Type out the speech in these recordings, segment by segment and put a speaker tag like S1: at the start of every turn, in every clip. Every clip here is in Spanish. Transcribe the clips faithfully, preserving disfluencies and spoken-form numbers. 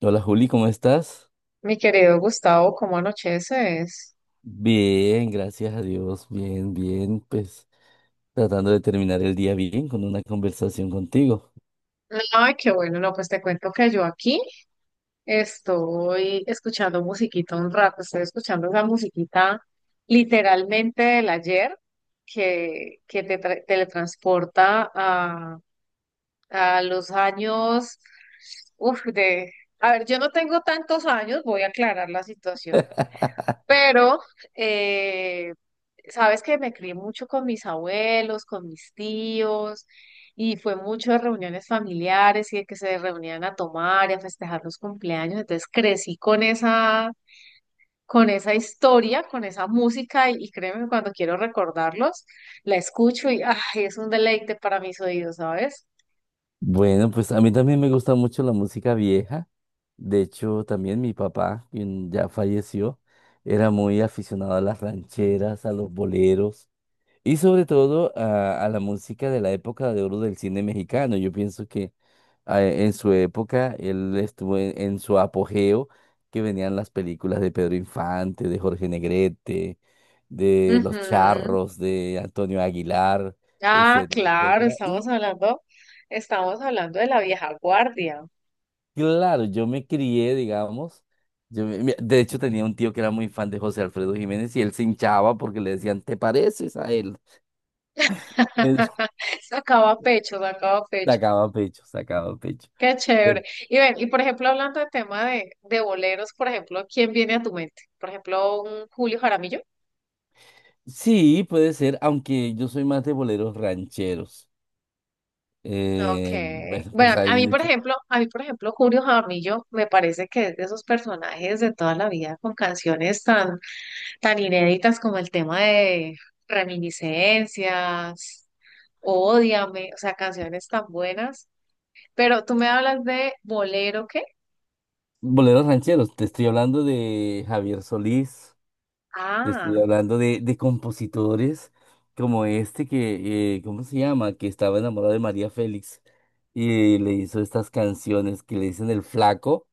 S1: Hola Juli, ¿cómo estás?
S2: Mi querido Gustavo, ¿cómo anocheces?
S1: Bien, gracias a Dios, bien, bien, pues tratando de terminar el día bien con una conversación contigo.
S2: Ay, qué bueno, no, pues te cuento que yo aquí estoy escuchando musiquita un rato, estoy escuchando esa musiquita literalmente del ayer que, que te tra- teletransporta a, a los años, uf, de, a ver, yo no tengo tantos años, voy a aclarar la situación. Pero, eh, sabes que me crié mucho con mis abuelos, con mis tíos, y fue mucho de reuniones familiares y de que se reunían a tomar y a festejar los cumpleaños. Entonces crecí con esa, con esa historia, con esa música, y, y créeme, que cuando quiero recordarlos, la escucho y ay, es un deleite para mis oídos, ¿sabes?
S1: Bueno, pues a mí también me gusta mucho la música vieja. De hecho, también mi papá, quien ya falleció, era muy aficionado a las rancheras, a los boleros. Y sobre todo a, a la música de la época de oro del cine mexicano. Yo pienso que ah, e, en su época él estuvo en, en su apogeo, que venían las películas de Pedro Infante, de Jorge Negrete, de Los
S2: Ujú.
S1: Charros, de Antonio Aguilar,
S2: Ah,
S1: etcétera,
S2: claro,
S1: etcétera. Y
S2: estamos hablando, estamos hablando de la vieja guardia.
S1: claro, yo me crié, digamos. Yo me- me- de hecho, tenía un tío que era muy fan de José Alfredo Jiménez y él se hinchaba porque le decían, ¿te pareces a él?
S2: Sacaba pecho, sacaba
S1: Él
S2: pecho.
S1: sacaba pecho, sacaba pecho.
S2: Qué chévere. Y ven, y por ejemplo, hablando de tema de, de boleros, por ejemplo, ¿quién viene a tu mente? Por ejemplo, un Julio Jaramillo.
S1: Sí, puede ser, aunque yo soy más de boleros rancheros. Eh,
S2: Okay.
S1: bueno, pues
S2: Bueno,
S1: hay
S2: a mí, por
S1: muchos.
S2: ejemplo, a mí, por ejemplo, Julio Jaramillo me parece que es de esos personajes de toda la vida con canciones tan, tan inéditas como el tema de Reminiscencias, Ódiame, o sea, canciones tan buenas. Pero tú me hablas de bolero, ¿qué?
S1: Boleros rancheros, te estoy hablando de Javier Solís, te estoy
S2: Ah,
S1: hablando de, de compositores como este que, eh, ¿cómo se llama? Que estaba enamorado de María Félix y le hizo estas canciones que le dicen El Flaco.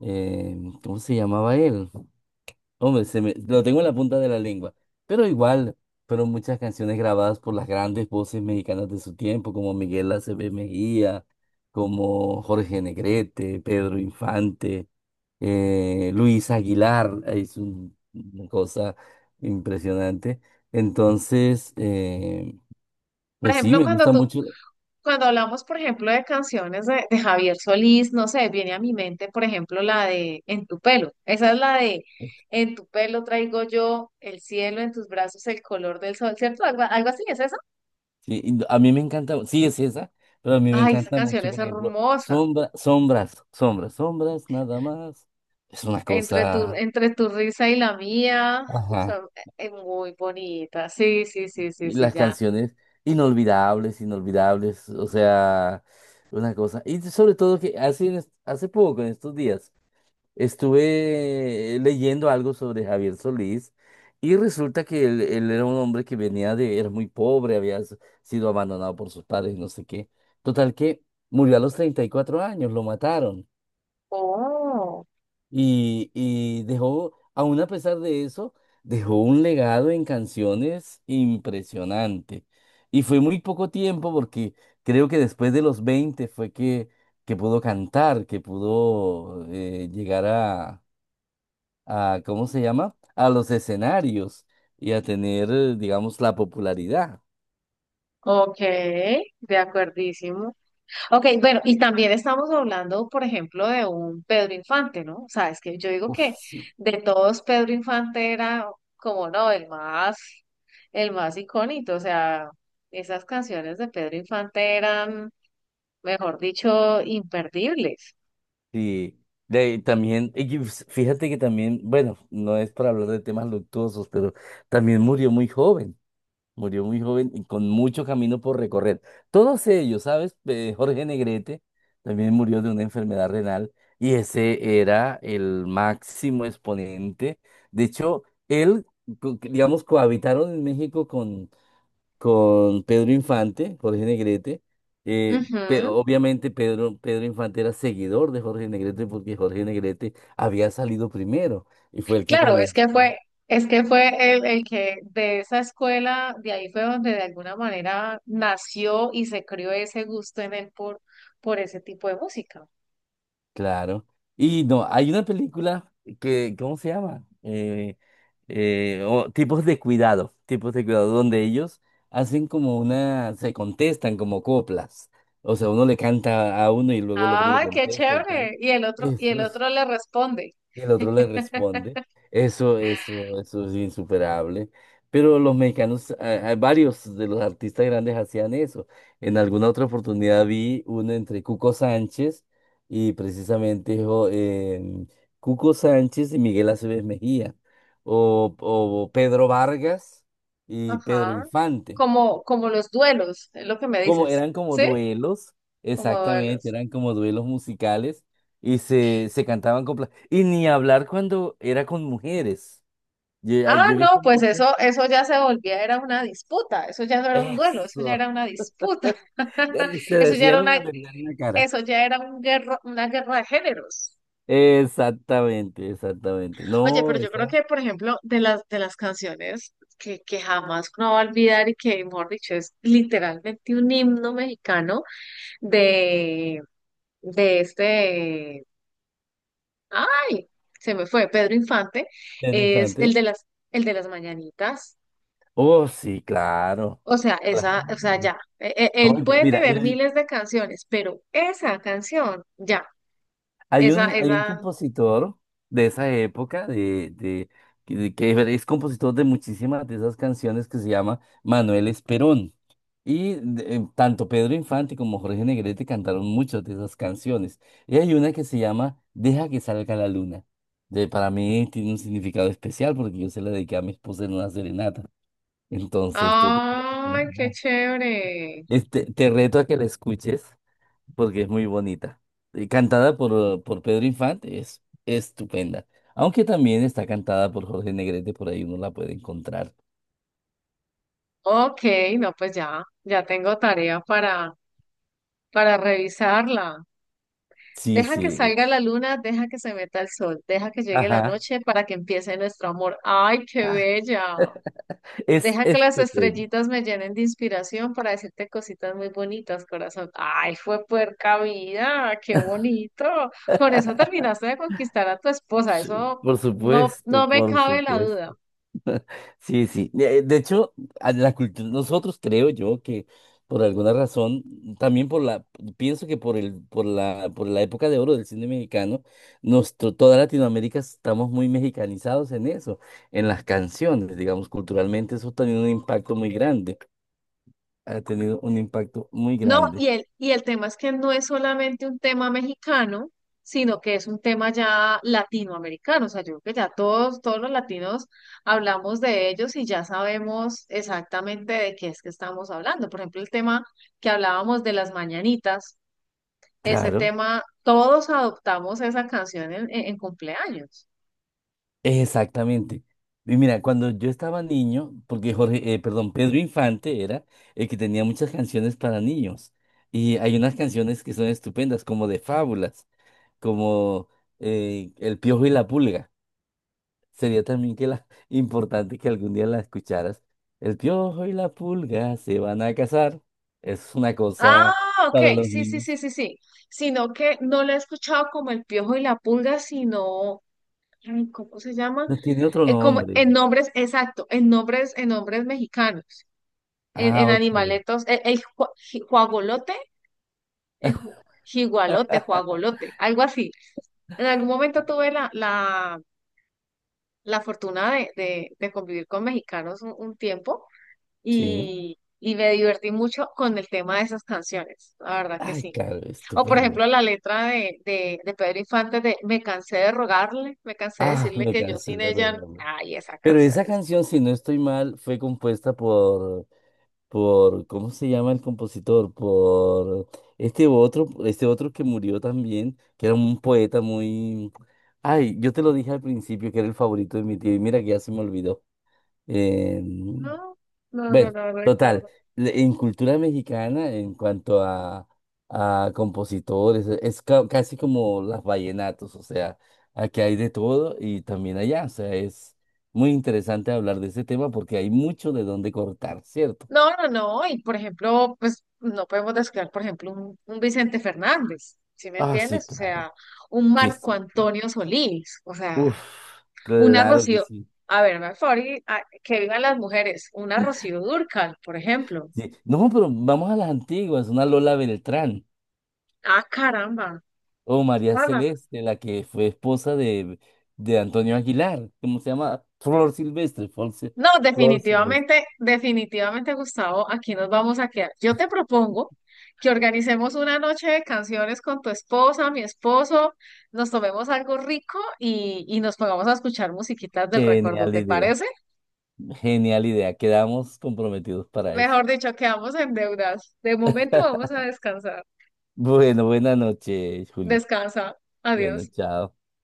S1: Eh, ¿cómo se llamaba él? Hombre, se me, lo tengo en la punta de la lengua. Pero igual, fueron muchas canciones grabadas por las grandes voces mexicanas de su tiempo, como Miguel Aceves Mejía, como Jorge Negrete, Pedro Infante, eh, Luis Aguilar, eh, es un- una cosa impresionante. Entonces, eh,
S2: por
S1: pues sí,
S2: ejemplo,
S1: me
S2: cuando
S1: gusta
S2: tú,
S1: mucho.
S2: cuando hablamos, por ejemplo, de canciones de, de Javier Solís, no sé, viene a mi mente, por ejemplo, la de En tu pelo. Esa es la de En tu pelo traigo yo el cielo, en tus brazos el color del sol, ¿cierto? Algo, algo así, ¿es esa?
S1: Sí, y a mí me encanta, sí es esa, pero a mí me
S2: Ay, esa
S1: encanta
S2: canción
S1: mucho,
S2: es
S1: por ejemplo,
S2: hermosa.
S1: sombra, sombras, sombras, sombras, nada más. Es una
S2: Entre tu,
S1: cosa.
S2: entre tu risa y la mía, o
S1: Ajá.
S2: sea, e, es muy bonita. Sí, sí, sí, sí,
S1: Y
S2: sí,
S1: las
S2: ya.
S1: canciones inolvidables, inolvidables, o sea, una cosa. Y sobre todo que hace, en est- hace poco, en estos días, estuve leyendo algo sobre Javier Solís y resulta que él, él era un hombre que venía de, era muy pobre, había s- sido abandonado por sus padres, no sé qué. Total que murió a los treinta y cuatro años, lo mataron.
S2: Oh,
S1: Y, y dejó, aún a pesar de eso, dejó un legado en canciones impresionante. Y fue muy poco tiempo porque creo que después de los veinte fue que, que pudo cantar, que pudo eh, llegar a, a, ¿cómo se llama? A los escenarios y a tener, eh, digamos, la popularidad.
S2: ok, de acuerdísimo. Ok, bueno, y también estamos hablando, por ejemplo, de un Pedro Infante, ¿no? O sea, es que yo digo
S1: Uf,
S2: que
S1: sí.
S2: de todos Pedro Infante era como, no, el más, el más icónico, o sea, esas canciones de Pedro Infante eran, mejor dicho, imperdibles.
S1: Sí, de ahí también, y que pues, fíjate que también, bueno, no es para hablar de temas luctuosos, pero también murió muy joven. Murió muy joven y con mucho camino por recorrer. Todos ellos, ¿sabes? Eh, Jorge Negrete también murió de una enfermedad renal y ese era el máximo exponente. De hecho, él, co- digamos, cohabitaron en México con, con Pedro Infante, Jorge Negrete. Eh, pe-
S2: Ujú.
S1: obviamente Pedro, Pedro Infante era seguidor de Jorge Negrete porque Jorge Negrete había salido primero y fue el que
S2: Claro, es que fue,
S1: comenzó.
S2: es que fue el, el que de esa escuela, de ahí fue donde de alguna manera nació y se crió ese gusto en él por, por ese tipo de música.
S1: Claro. Y no, hay una película que, ¿cómo se llama? Eh, eh, o- tipos de cuidado, tipos de cuidado, donde ellos hacen como una, se contestan como coplas. O sea, uno le canta a uno y luego el otro le
S2: Ah, qué
S1: contesta y tal.
S2: chévere. Y el otro, y el
S1: Eso
S2: otro le responde.
S1: y el otro le responde, eso, eso, eso es insuperable. Pero los mexicanos, a- a varios de los artistas grandes hacían eso. En alguna otra oportunidad vi uno entre Cuco Sánchez y precisamente dijo, em, Cuco Sánchez y Miguel Aceves Mejía, o, o Pedro Vargas y Pedro
S2: Ajá.
S1: Infante.
S2: Como, como los duelos, es lo que me
S1: Como
S2: dices.
S1: eran como
S2: ¿Sí?
S1: duelos,
S2: Como
S1: exactamente,
S2: duelos.
S1: eran como duelos musicales y se, se cantaban con... pla- Y ni hablar cuando era con mujeres. Yo, ah,
S2: Ah,
S1: yo he
S2: no,
S1: visto
S2: pues
S1: muchas.
S2: eso, eso ya se volvía, era una disputa. Eso ya no era un duelo, eso ya
S1: Eso.
S2: era una disputa.
S1: Eh, Se
S2: Eso ya era
S1: decían
S2: una,
S1: la verdad en la cara.
S2: eso ya era un guerra, una guerra de géneros.
S1: Exactamente, exactamente.
S2: Oye,
S1: No,
S2: pero yo creo
S1: está
S2: que, por ejemplo, de las, de las canciones que, que jamás uno va a olvidar y que, mejor dicho, es literalmente un himno mexicano de de este, ay, se me fue, Pedro Infante, es el de
S1: interesante.
S2: las, el de las mañanitas.
S1: Oh, sí, claro.
S2: O sea,
S1: Claro.
S2: esa, o sea, ya, e- e-
S1: No,
S2: él
S1: y-
S2: puede
S1: mira,
S2: tener miles de canciones, pero esa canción, ya,
S1: hay
S2: esa,
S1: un, hay un
S2: esa,
S1: compositor de esa época, de, de, que de- que es compositor de muchísimas de esas canciones que se llama Manuel Esperón. Y de- eh, tanto Pedro Infante como Jorge Negrete cantaron muchas de esas canciones. Y hay una que se llama Deja que salga la luna. De, para mí tiene un significado especial porque yo se la dediqué a mi esposa en una serenata. Entonces, tú te puedes
S2: ay, qué
S1: imaginar.
S2: chévere.
S1: Este, te reto a que la escuches porque es muy bonita. Y cantada por, eh, por Pedro Infante, es estupenda. Aunque también está cantada por Jorge Negrete, por ahí uno la puede encontrar.
S2: Ok, no, pues ya, ya tengo tarea para, para revisarla.
S1: Sí,
S2: Deja que
S1: sí.
S2: salga la luna, deja que se meta el sol, deja que llegue la
S1: Ajá.
S2: noche para que empiece nuestro amor. ¡Ay, qué bella!
S1: Es
S2: Deja que las
S1: estupenda.
S2: estrellitas me llenen de inspiración para decirte cositas muy bonitas, corazón. Ay, fue puerca vida, qué bonito. Con eso terminaste de conquistar a tu esposa, eso
S1: Por
S2: no,
S1: supuesto,
S2: no me
S1: por
S2: cabe la duda.
S1: supuesto. Sí, sí. De de hecho, a la cultura, nosotros creo yo que por alguna razón, también por la, pienso que por el, por la, por la época de oro del cine mexicano, nuestro, toda Latinoamérica estamos muy mexicanizados en eso, en las canciones, digamos, culturalmente eso ha tenido un impacto muy grande, ha tenido un impacto muy
S2: No,
S1: grande.
S2: y el, y el tema es que no es solamente un tema mexicano, sino que es un tema ya latinoamericano. O sea, yo creo que ya todos, todos los latinos hablamos de ellos y ya sabemos exactamente de qué es que estamos hablando. Por ejemplo, el tema que hablábamos de las mañanitas. Ese
S1: Claro.
S2: tema, todos adoptamos esa canción en, en- en cumpleaños.
S1: Exactamente. Y mira, cuando yo estaba niño, porque Jorge, eh, perdón, Pedro Infante era el que tenía muchas canciones para niños. Y hay unas canciones que son estupendas, como de fábulas, como eh, El Piojo y la Pulga. Sería también que la, importante que algún día la escucharas. El Piojo y la Pulga se van a casar. Es una
S2: Ah,
S1: cosa
S2: ok,
S1: para los
S2: sí, sí, sí,
S1: niños.
S2: sí, sí. Sino que no la he escuchado como El Piojo y la Pulga, sino, ay, ¿cómo se llama?
S1: No tiene otro
S2: Eh, como
S1: nombre.
S2: en nombres, exacto, en nombres, en nombres mexicanos, en,
S1: Ah,
S2: en
S1: ok.
S2: animaletos, el, el jua- ji- juagolote, el ju- jigualote, juagolote, algo así. En algún momento tuve la, la, la fortuna de, de, de convivir con mexicanos un un tiempo.
S1: Sí.
S2: Y, y me divertí mucho con el tema de esas canciones, la verdad que
S1: Ay,
S2: sí.
S1: claro,
S2: O por
S1: estupendo.
S2: ejemplo la letra de, de, de Pedro Infante de Me cansé de rogarle, me cansé de
S1: Ah,
S2: decirle
S1: me
S2: que yo
S1: cansé
S2: sin
S1: de
S2: ella,
S1: rogarme.
S2: ay, esa
S1: Pero
S2: canción
S1: esa
S2: es...
S1: canción, si no estoy mal, fue compuesta por, por, ¿cómo se llama el compositor? Por este otro, este otro que murió también, que era un poeta muy... Ay, yo te lo dije al principio que era el favorito de mi tío y mira que ya se me olvidó. Em,
S2: No, no, no, no
S1: bueno,
S2: no
S1: total,
S2: recuerdo.
S1: le- en cultura mexicana, en cuanto a, a compositores, e- es ca- casi como las vallenatos, o sea, aquí hay de todo y también allá, o sea, es muy interesante hablar de ese tema porque hay mucho de dónde cortar, ¿cierto?
S2: No, no, no, y por ejemplo, pues no podemos descuidar, por ejemplo, un, un Vicente Fernández, ¿sí me
S1: Ah, sí,
S2: entiendes? O sea,
S1: claro.
S2: un
S1: Sí,
S2: Marco
S1: sí.
S2: Antonio Solís, o
S1: Uf,
S2: sea, una
S1: claro que
S2: Rocío,
S1: sí.
S2: a ver, me favor, y- a- que vivan las mujeres, una Rocío Dúrcal, por ejemplo.
S1: Sí. No, pero vamos a las antiguas, una Lola Beltrán.
S2: Ah, caramba.
S1: O María
S2: Juana.
S1: Celeste, la que fue esposa de, de Antonio Aguilar, ¿cómo se llama? Flor Silvestre, Flor, Sil-
S2: No,
S1: Flor Silvestre.
S2: definitivamente, definitivamente, Gustavo, aquí nos vamos a quedar. Yo te propongo que organicemos una noche de canciones con tu esposa, mi esposo, nos tomemos algo rico y, y nos pongamos a escuchar musiquitas del recuerdo,
S1: Genial
S2: ¿te
S1: idea,
S2: parece?
S1: genial idea. Quedamos comprometidos para eso.
S2: Mejor dicho, quedamos en deudas. De momento vamos a descansar.
S1: Bueno, buena noche, Juli.
S2: Descansa.
S1: Bueno,
S2: Adiós.
S1: chao.